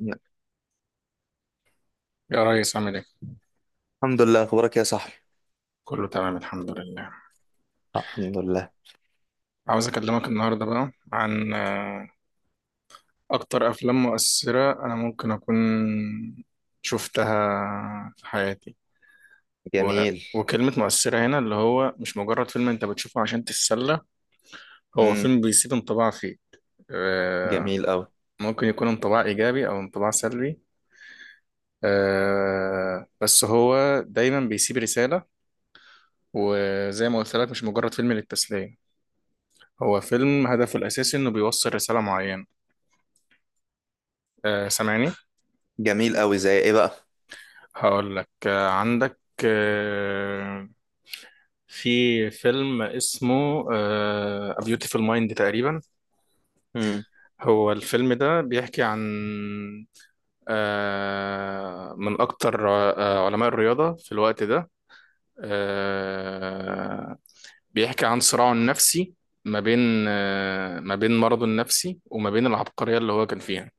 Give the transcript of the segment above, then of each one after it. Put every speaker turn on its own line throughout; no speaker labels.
يلا.
يا ريس عامل ايه؟
الحمد لله، اخبارك يا صاحبي.
كله تمام الحمد لله.
الحمد لله.
عاوز اكلمك النهارده بقى عن اكتر افلام مؤثرة انا ممكن اكون شفتها في حياتي. و...
جميل.
وكلمة مؤثرة هنا اللي هو مش مجرد فيلم انت بتشوفه عشان تتسلى. هو
امم.
فيلم بيسيب انطباع فيك. آه،
جميل قوي.
ممكن يكون انطباع ايجابي او انطباع سلبي. بس هو دايما بيسيب رسالة. وزي ما قلت لك مش مجرد فيلم للتسلية. هو فيلم هدفه الأساسي إنه بيوصل رسالة معينة. سامعني.
جميل قوي، زي ايه بقى؟
هقول لك عندك. آه، في فيلم اسمه A Beautiful Mind تقريبا.
امم.
هو الفيلم ده بيحكي عن من أكتر علماء الرياضة في الوقت ده. آه، بيحكي عن صراعه النفسي ما بين، ما بين مرضه النفسي وما بين العبقرية اللي هو كان فيها.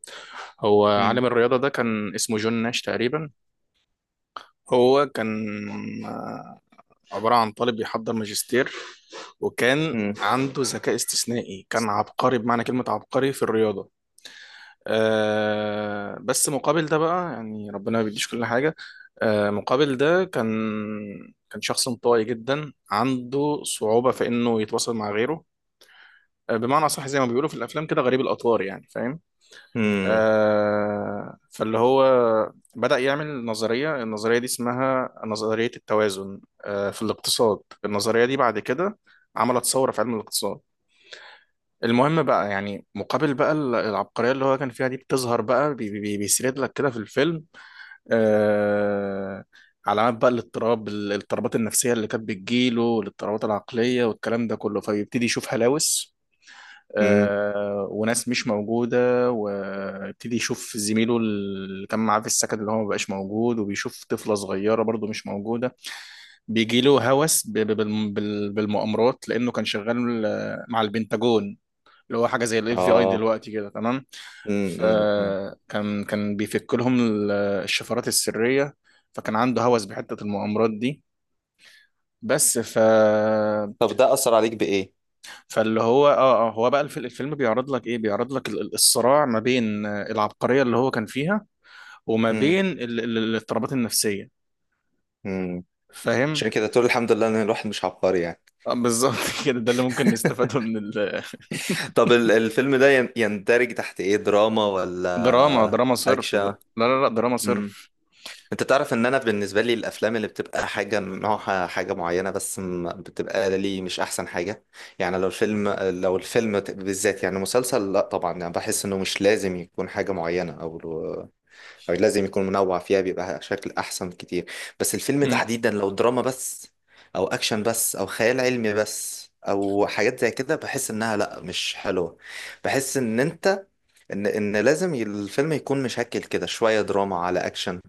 هو
امم.
عالم الرياضة ده كان اسمه جون ناش تقريبا. هو كان آه، عبارة عن طالب بيحضر ماجستير. وكان
امم.
عنده ذكاء استثنائي، كان عبقري بمعنى كلمة عبقري في الرياضة. بس مقابل ده بقى يعني ربنا ما بيديش كل حاجة. مقابل ده كان، شخص انطوائي جدا عنده صعوبة في إنه يتواصل مع غيره. بمعنى أصح زي ما بيقولوا في الأفلام كده غريب الأطوار، يعني فاهم.
امم.
فاللي هو بدأ يعمل نظرية. النظرية دي اسمها نظرية التوازن في الاقتصاد. النظرية دي بعد كده عملت ثورة في علم الاقتصاد. المهم بقى، يعني مقابل بقى العبقرية اللي هو كان فيها دي، بتظهر بقى بيسرد لك كده في الفيلم آه، علامات بقى الاضطراب، الاضطرابات النفسية اللي كانت بتجيله، والاضطرابات العقلية والكلام ده كله. فبيبتدي يشوف هلاوس
امم.
وناس مش موجودة، ويبتدي يشوف زميله اللي كان معاه في السكن اللي هو مبقاش موجود، وبيشوف طفلة صغيرة برضو مش موجودة. بيجيله هوس بالمؤامرات، لأنه كان شغال مع البنتاجون. اللي هو حاجة زي الاف بي اي
اه.
دلوقتي كده، تمام.
امم. امم. أمم.
فكان، بيفك لهم الشفرات السرية. فكان عنده هوس بحتة المؤامرات دي. بس ف
طب ده اثر عليك بايه؟
فاللي هو هو بقى الفيلم بيعرض لك ايه؟ بيعرض لك الصراع ما بين العبقرية اللي هو كان فيها، وما
امم.
بين الاضطرابات النفسية،
امم.
فاهم.
عشان كده تقول الحمد لله ان الواحد مش عبقري يعني.
بالظبط. كده، ده اللي ممكن نستفاده من
طب الفيلم ده يندرج تحت ايه، دراما ولا
دراما صرف. لا
اكشن؟
لا لا، دراما صرف.
انت تعرف ان انا بالنسبه لي الافلام اللي بتبقى حاجه نوعها حاجه معينه بس بتبقى لي مش احسن حاجه. يعني لو الفيلم بالذات، يعني مسلسل، لا طبعا، يعني بحس انه مش لازم يكون حاجه معينه، او لازم يكون منوع فيها بيبقى شكل احسن كتير. بس الفيلم
مم.
تحديدا لو دراما بس، او اكشن بس، او خيال علمي بس، او حاجات زي كده، بحس انها لا مش حلوه. بحس ان انت ان لازم الفيلم يكون مشكل كده شويه دراما على اكشن.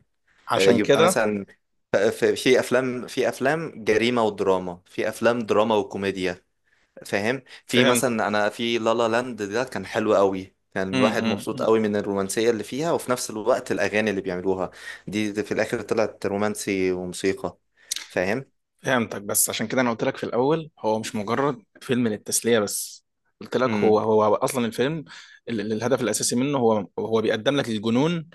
عشان
يبقى
كده
مثلا في افلام جريمه ودراما، في افلام دراما وكوميديا. فاهم؟ في
فهمت.
مثلا انا، في لالا لاند ده كان حلو قوي، كان
مم،
الواحد
مم،
مبسوط
مم.
قوي من الرومانسيه اللي فيها وفي نفس الوقت الاغاني اللي بيعملوها دي في الاخر طلعت رومانسي وموسيقى. فاهم؟
فهمتك. بس عشان كده انا قلت لك في الاول هو مش مجرد فيلم للتسليه بس. قلت لك
امم.
هو اصلا الفيلم، الهدف الاساسي منه هو بيقدم لك الجنون،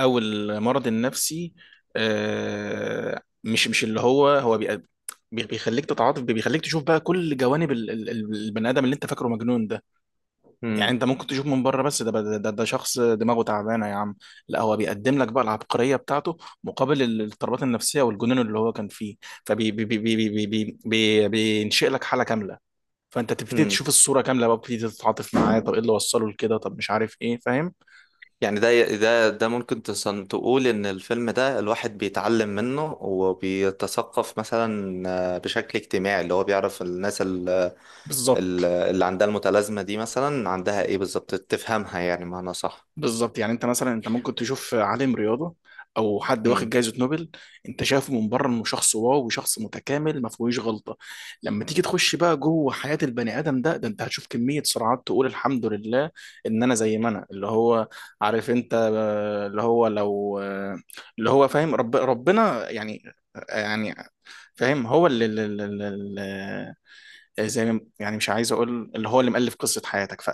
او المرض النفسي. مش، اللي هو بيخليك تتعاطف، بيخليك تشوف بقى كل جوانب البني ادم اللي انت فاكره مجنون ده. يعني
امم.
انت ممكن تشوف من بره بس ده، ده شخص دماغه تعبانه يا عم. لا، هو بيقدم لك بقى العبقريه بتاعته مقابل الاضطرابات النفسيه والجنون اللي هو كان فيه. فبي بي بي بي بي بي بي بينشئ لك حاله كامله. فانت تبتدي
امم.
تشوف الصوره كامله بقى، بتبتدي تتعاطف معاه. طب ايه اللي وصله لكده، طب مش عارف ايه، فاهم.
يعني ده ممكن تقول ان الفيلم ده الواحد بيتعلم منه وبيتثقف مثلا. بشكل اجتماعي اللي هو بيعرف الناس
بالظبط.
اللي عندها المتلازمة دي مثلا عندها ايه بالظبط، تفهمها يعني معنى صح.
بالظبط، يعني انت مثلا، انت ممكن تشوف عالم رياضه او حد واخد
مم.
جائزه نوبل، انت شايفه من بره انه شخص واو، وشخص متكامل ما فيهوش غلطه. لما تيجي تخش بقى جوه حياه البني ادم ده، انت هتشوف كميه صراعات تقول الحمد لله ان انا زي ما انا. اللي هو عارف انت اللي هو لو اللي هو فاهم، ربنا يعني. يعني فاهم، هو اللي زي يعني مش عايز اقول اللي هو اللي مؤلف قصه حياتك،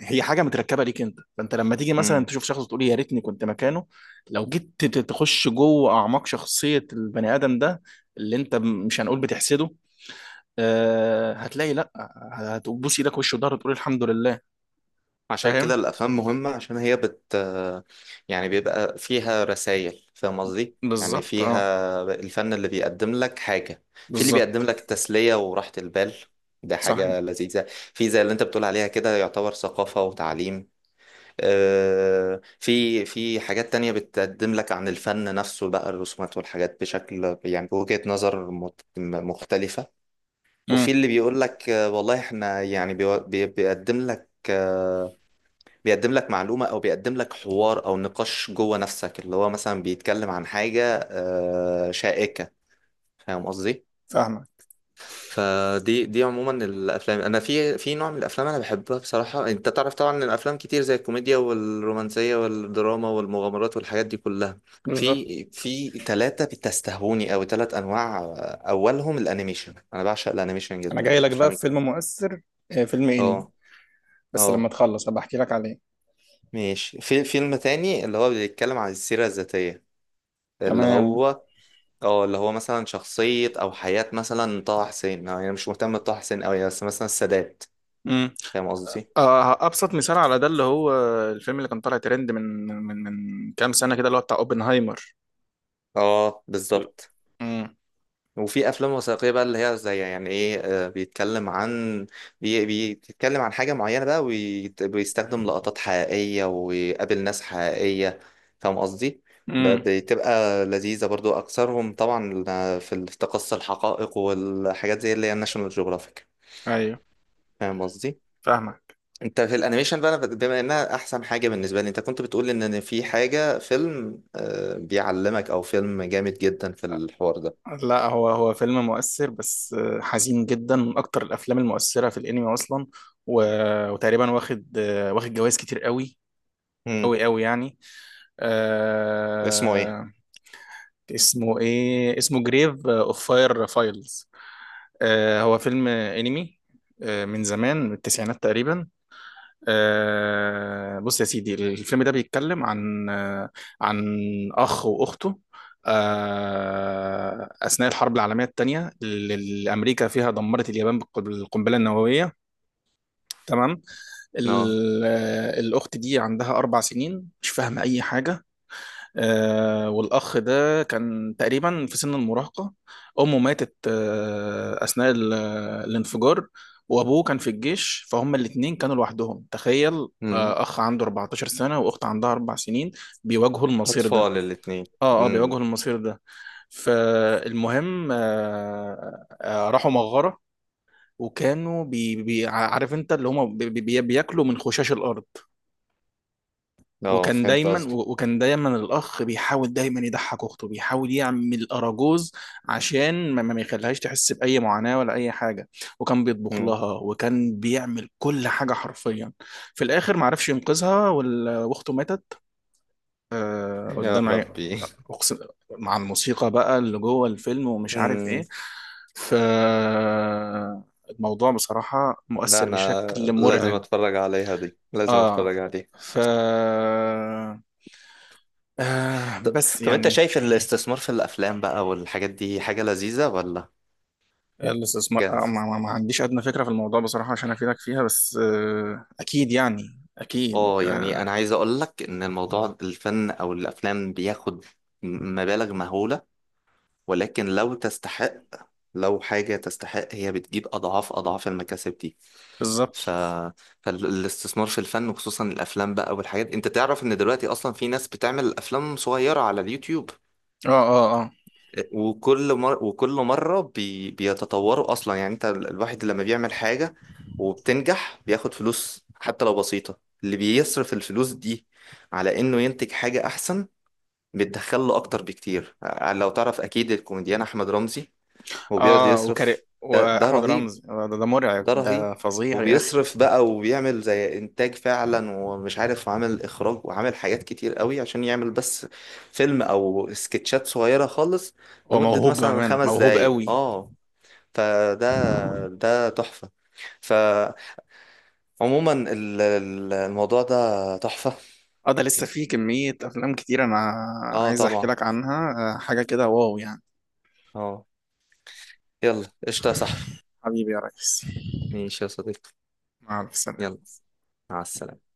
فهي حاجه متركبه ليك انت. فانت لما تيجي مثلا
مم.
تشوف شخص تقول يا ريتني كنت مكانه، لو جيت تخش جوه اعماق شخصيه البني ادم ده اللي انت مش هنقول بتحسده، هتلاقي لا، هتبوس ايدك وش وضهر وتقول الحمد لله.
عشان كده
فاهم.
الأفلام مهمة عشان هي بت... يعني بيبقى فيها رسائل، فاهم قصدي؟ يعني
بالظبط، اه.
فيها الفن اللي بيقدم لك حاجة. في اللي بيقدم
بالظبط.
لك تسلية وراحة البال، ده
صح.
حاجة لذيذة. في زي اللي انت بتقول عليها كده يعتبر ثقافة وتعليم. في حاجات تانية بتقدم لك عن الفن نفسه بقى، الرسومات والحاجات بشكل يعني بوجهة نظر مختلفة. وفي
امم.
اللي بيقول لك والله احنا يعني بيقدم لك بيقدم لك معلومة، أو بيقدم لك حوار أو نقاش جوه نفسك اللي هو مثلا بيتكلم عن حاجة شائكة. فاهم قصدي؟
فاهمك.
فدي عموما الافلام، انا في نوع من الافلام انا بحبها بصراحه. انت تعرف طبعا ان الافلام كتير زي الكوميديا والرومانسيه والدراما والمغامرات والحاجات دي كلها.
بالظبط.
في ثلاثه بتستهوني قوي، 3 انواع. اولهم الانيميشن، انا بعشق الانيميشن
انا
جدا،
جاي لك بقى في
افلام.
فيلم مؤثر، فيلم انمي.
اه.
بس لما
اه.
تخلص هبقى احكي لك عليه.
ماشي. في فيلم تاني اللي هو بيتكلم عن السيره الذاتيه، اللي
تمام.
هو، اه اللي هو مثلا شخصيه او حياه مثلا طه حسين، يعني انا يعني مش مهتم بطه حسين قوي، بس مثلا السادات.
مم.
فاهم قصدي؟
ابسط مثال على ده اللي هو الفيلم اللي كان طالع ترند من، كام سنه كده، اللي هو بتاع اوبنهايمر.
اه بالظبط.
امم.
وفي افلام وثائقيه بقى اللي هي زي، يعني ايه، بيتكلم عن بيتكلم عن حاجه معينه بقى، وبيستخدم لقطات حقيقيه ويقابل ناس حقيقيه. فاهم قصدي؟
امم.
بتبقى لذيذه برضو اكثرهم طبعا، في التقصي الحقائق والحاجات زي اللي هي ناشونال جيوغرافيك.
ايوه.
فاهم قصدي؟
فاهمك.
انت في الانيميشن بقى، أنا بما انها احسن حاجه بالنسبه لي، انت كنت بتقول ان في حاجه فيلم بيعلمك او فيلم جامد جدا في الحوار.
لا، هو هو فيلم مؤثر بس حزين جدا، من اكتر الافلام المؤثره في الانمي اصلا. و... وتقريبا واخد، واخد جوائز كتير قوي
ده
قوي قوي يعني.
اسمه ايه؟
آه... اسمه ايه؟ اسمه جريف اوف فاير فايلز. هو فيلم انمي من زمان، من التسعينات تقريبا. بص يا سيدي، الفيلم ده بيتكلم عن عن أخ وأخته أثناء الحرب العالمية الثانية اللي أمريكا فيها دمرت اليابان بالقنبلة النووية، تمام.
اه.
الأخت دي عندها 4 سنين، مش فاهمة أي حاجة. والأخ ده كان تقريبا في سن المراهقة. أمه ماتت أثناء الانفجار، وأبوه كان في الجيش، فهم الاتنين كانوا لوحدهم، تخيل.
امم.
أخ عنده 14 سنة وأخت عندها 4 سنين، بيواجهوا المصير ده.
اطفال الاتنين. امم.
بيواجهوا المصير ده. فالمهم راحوا مغارة، وكانوا عارف انت اللي هم بي بي بياكلوا من خشاش الارض.
اه فهمت قصدك.
وكان دايما الاخ بيحاول دايما يضحك اخته، بيحاول يعمل اراجوز عشان ما يخليهاش تحس باي معاناه ولا اي حاجه. وكان بيطبخ
امم.
لها، وكان بيعمل كل حاجه حرفيا. في الاخر ما عرفش ينقذها، واخته ماتت
يا
قدام
ربي.
أقسم- مع الموسيقى بقى اللي جوه الفيلم، ومش عارف
امم.
ايه. ف، الموضوع بصراحه
لا
مؤثر
انا
بشكل
لازم
مرعب.
اتفرج عليها دي، لازم
اه.
اتفرج عليها.
ف،
طب,
بس
طب انت
يعني.
شايف الاستثمار في الافلام بقى والحاجات دي حاجة لذيذة ولا
الاستثمار،
جهل؟
ما عنديش ادنى فكره في الموضوع بصراحه عشان افيدك فيها. بس اكيد، يعني اكيد
اه يعني انا عايز اقول لك ان الموضوع، الفن او الافلام بياخد مبالغ مهولة، ولكن لو تستحق، لو حاجة تستحق هي بتجيب اضعاف اضعاف المكاسب دي.
بالظبط،
ف... فالاستثمار في الفن وخصوصا الافلام بقى والحاجات، انت تعرف ان دلوقتي اصلا في ناس بتعمل افلام صغيره على اليوتيوب.
اه اه اه
وكل وكل مره بيتطوروا اصلا. يعني انت الواحد لما بيعمل حاجه وبتنجح بياخد فلوس حتى لو بسيطه، اللي بيصرف الفلوس دي على انه ينتج حاجه احسن بتدخل له اكتر بكتير. لو تعرف اكيد الكوميديان احمد رمزي، هو بيقعد
اه، وكاري
يصرف. ده
واحمد
رهيب.
رمزي ده، مرعب،
ده رهيب.
ده فظيع يا اخي.
وبيصرف بقى وبيعمل زي انتاج فعلا، ومش عارف، وعامل اخراج وعامل حاجات كتير قوي عشان يعمل بس فيلم او سكتشات صغيرة خالص
هو
لمدة
موهوب
مثلا
بامانه،
خمس
موهوب
دقايق
قوي.
اه. فده ده تحفة. فعموما الموضوع ده تحفة.
اه، ده لسه في كميه افلام كتير انا
اه
عايز احكي
طبعا.
لك عنها. حاجه كده واو يعني.
اه يلا قشطة يا صاحبي.
حبيبي يا ريس.
ماشي يا صديقي.
مع السلامه.
يلا مع السلامة.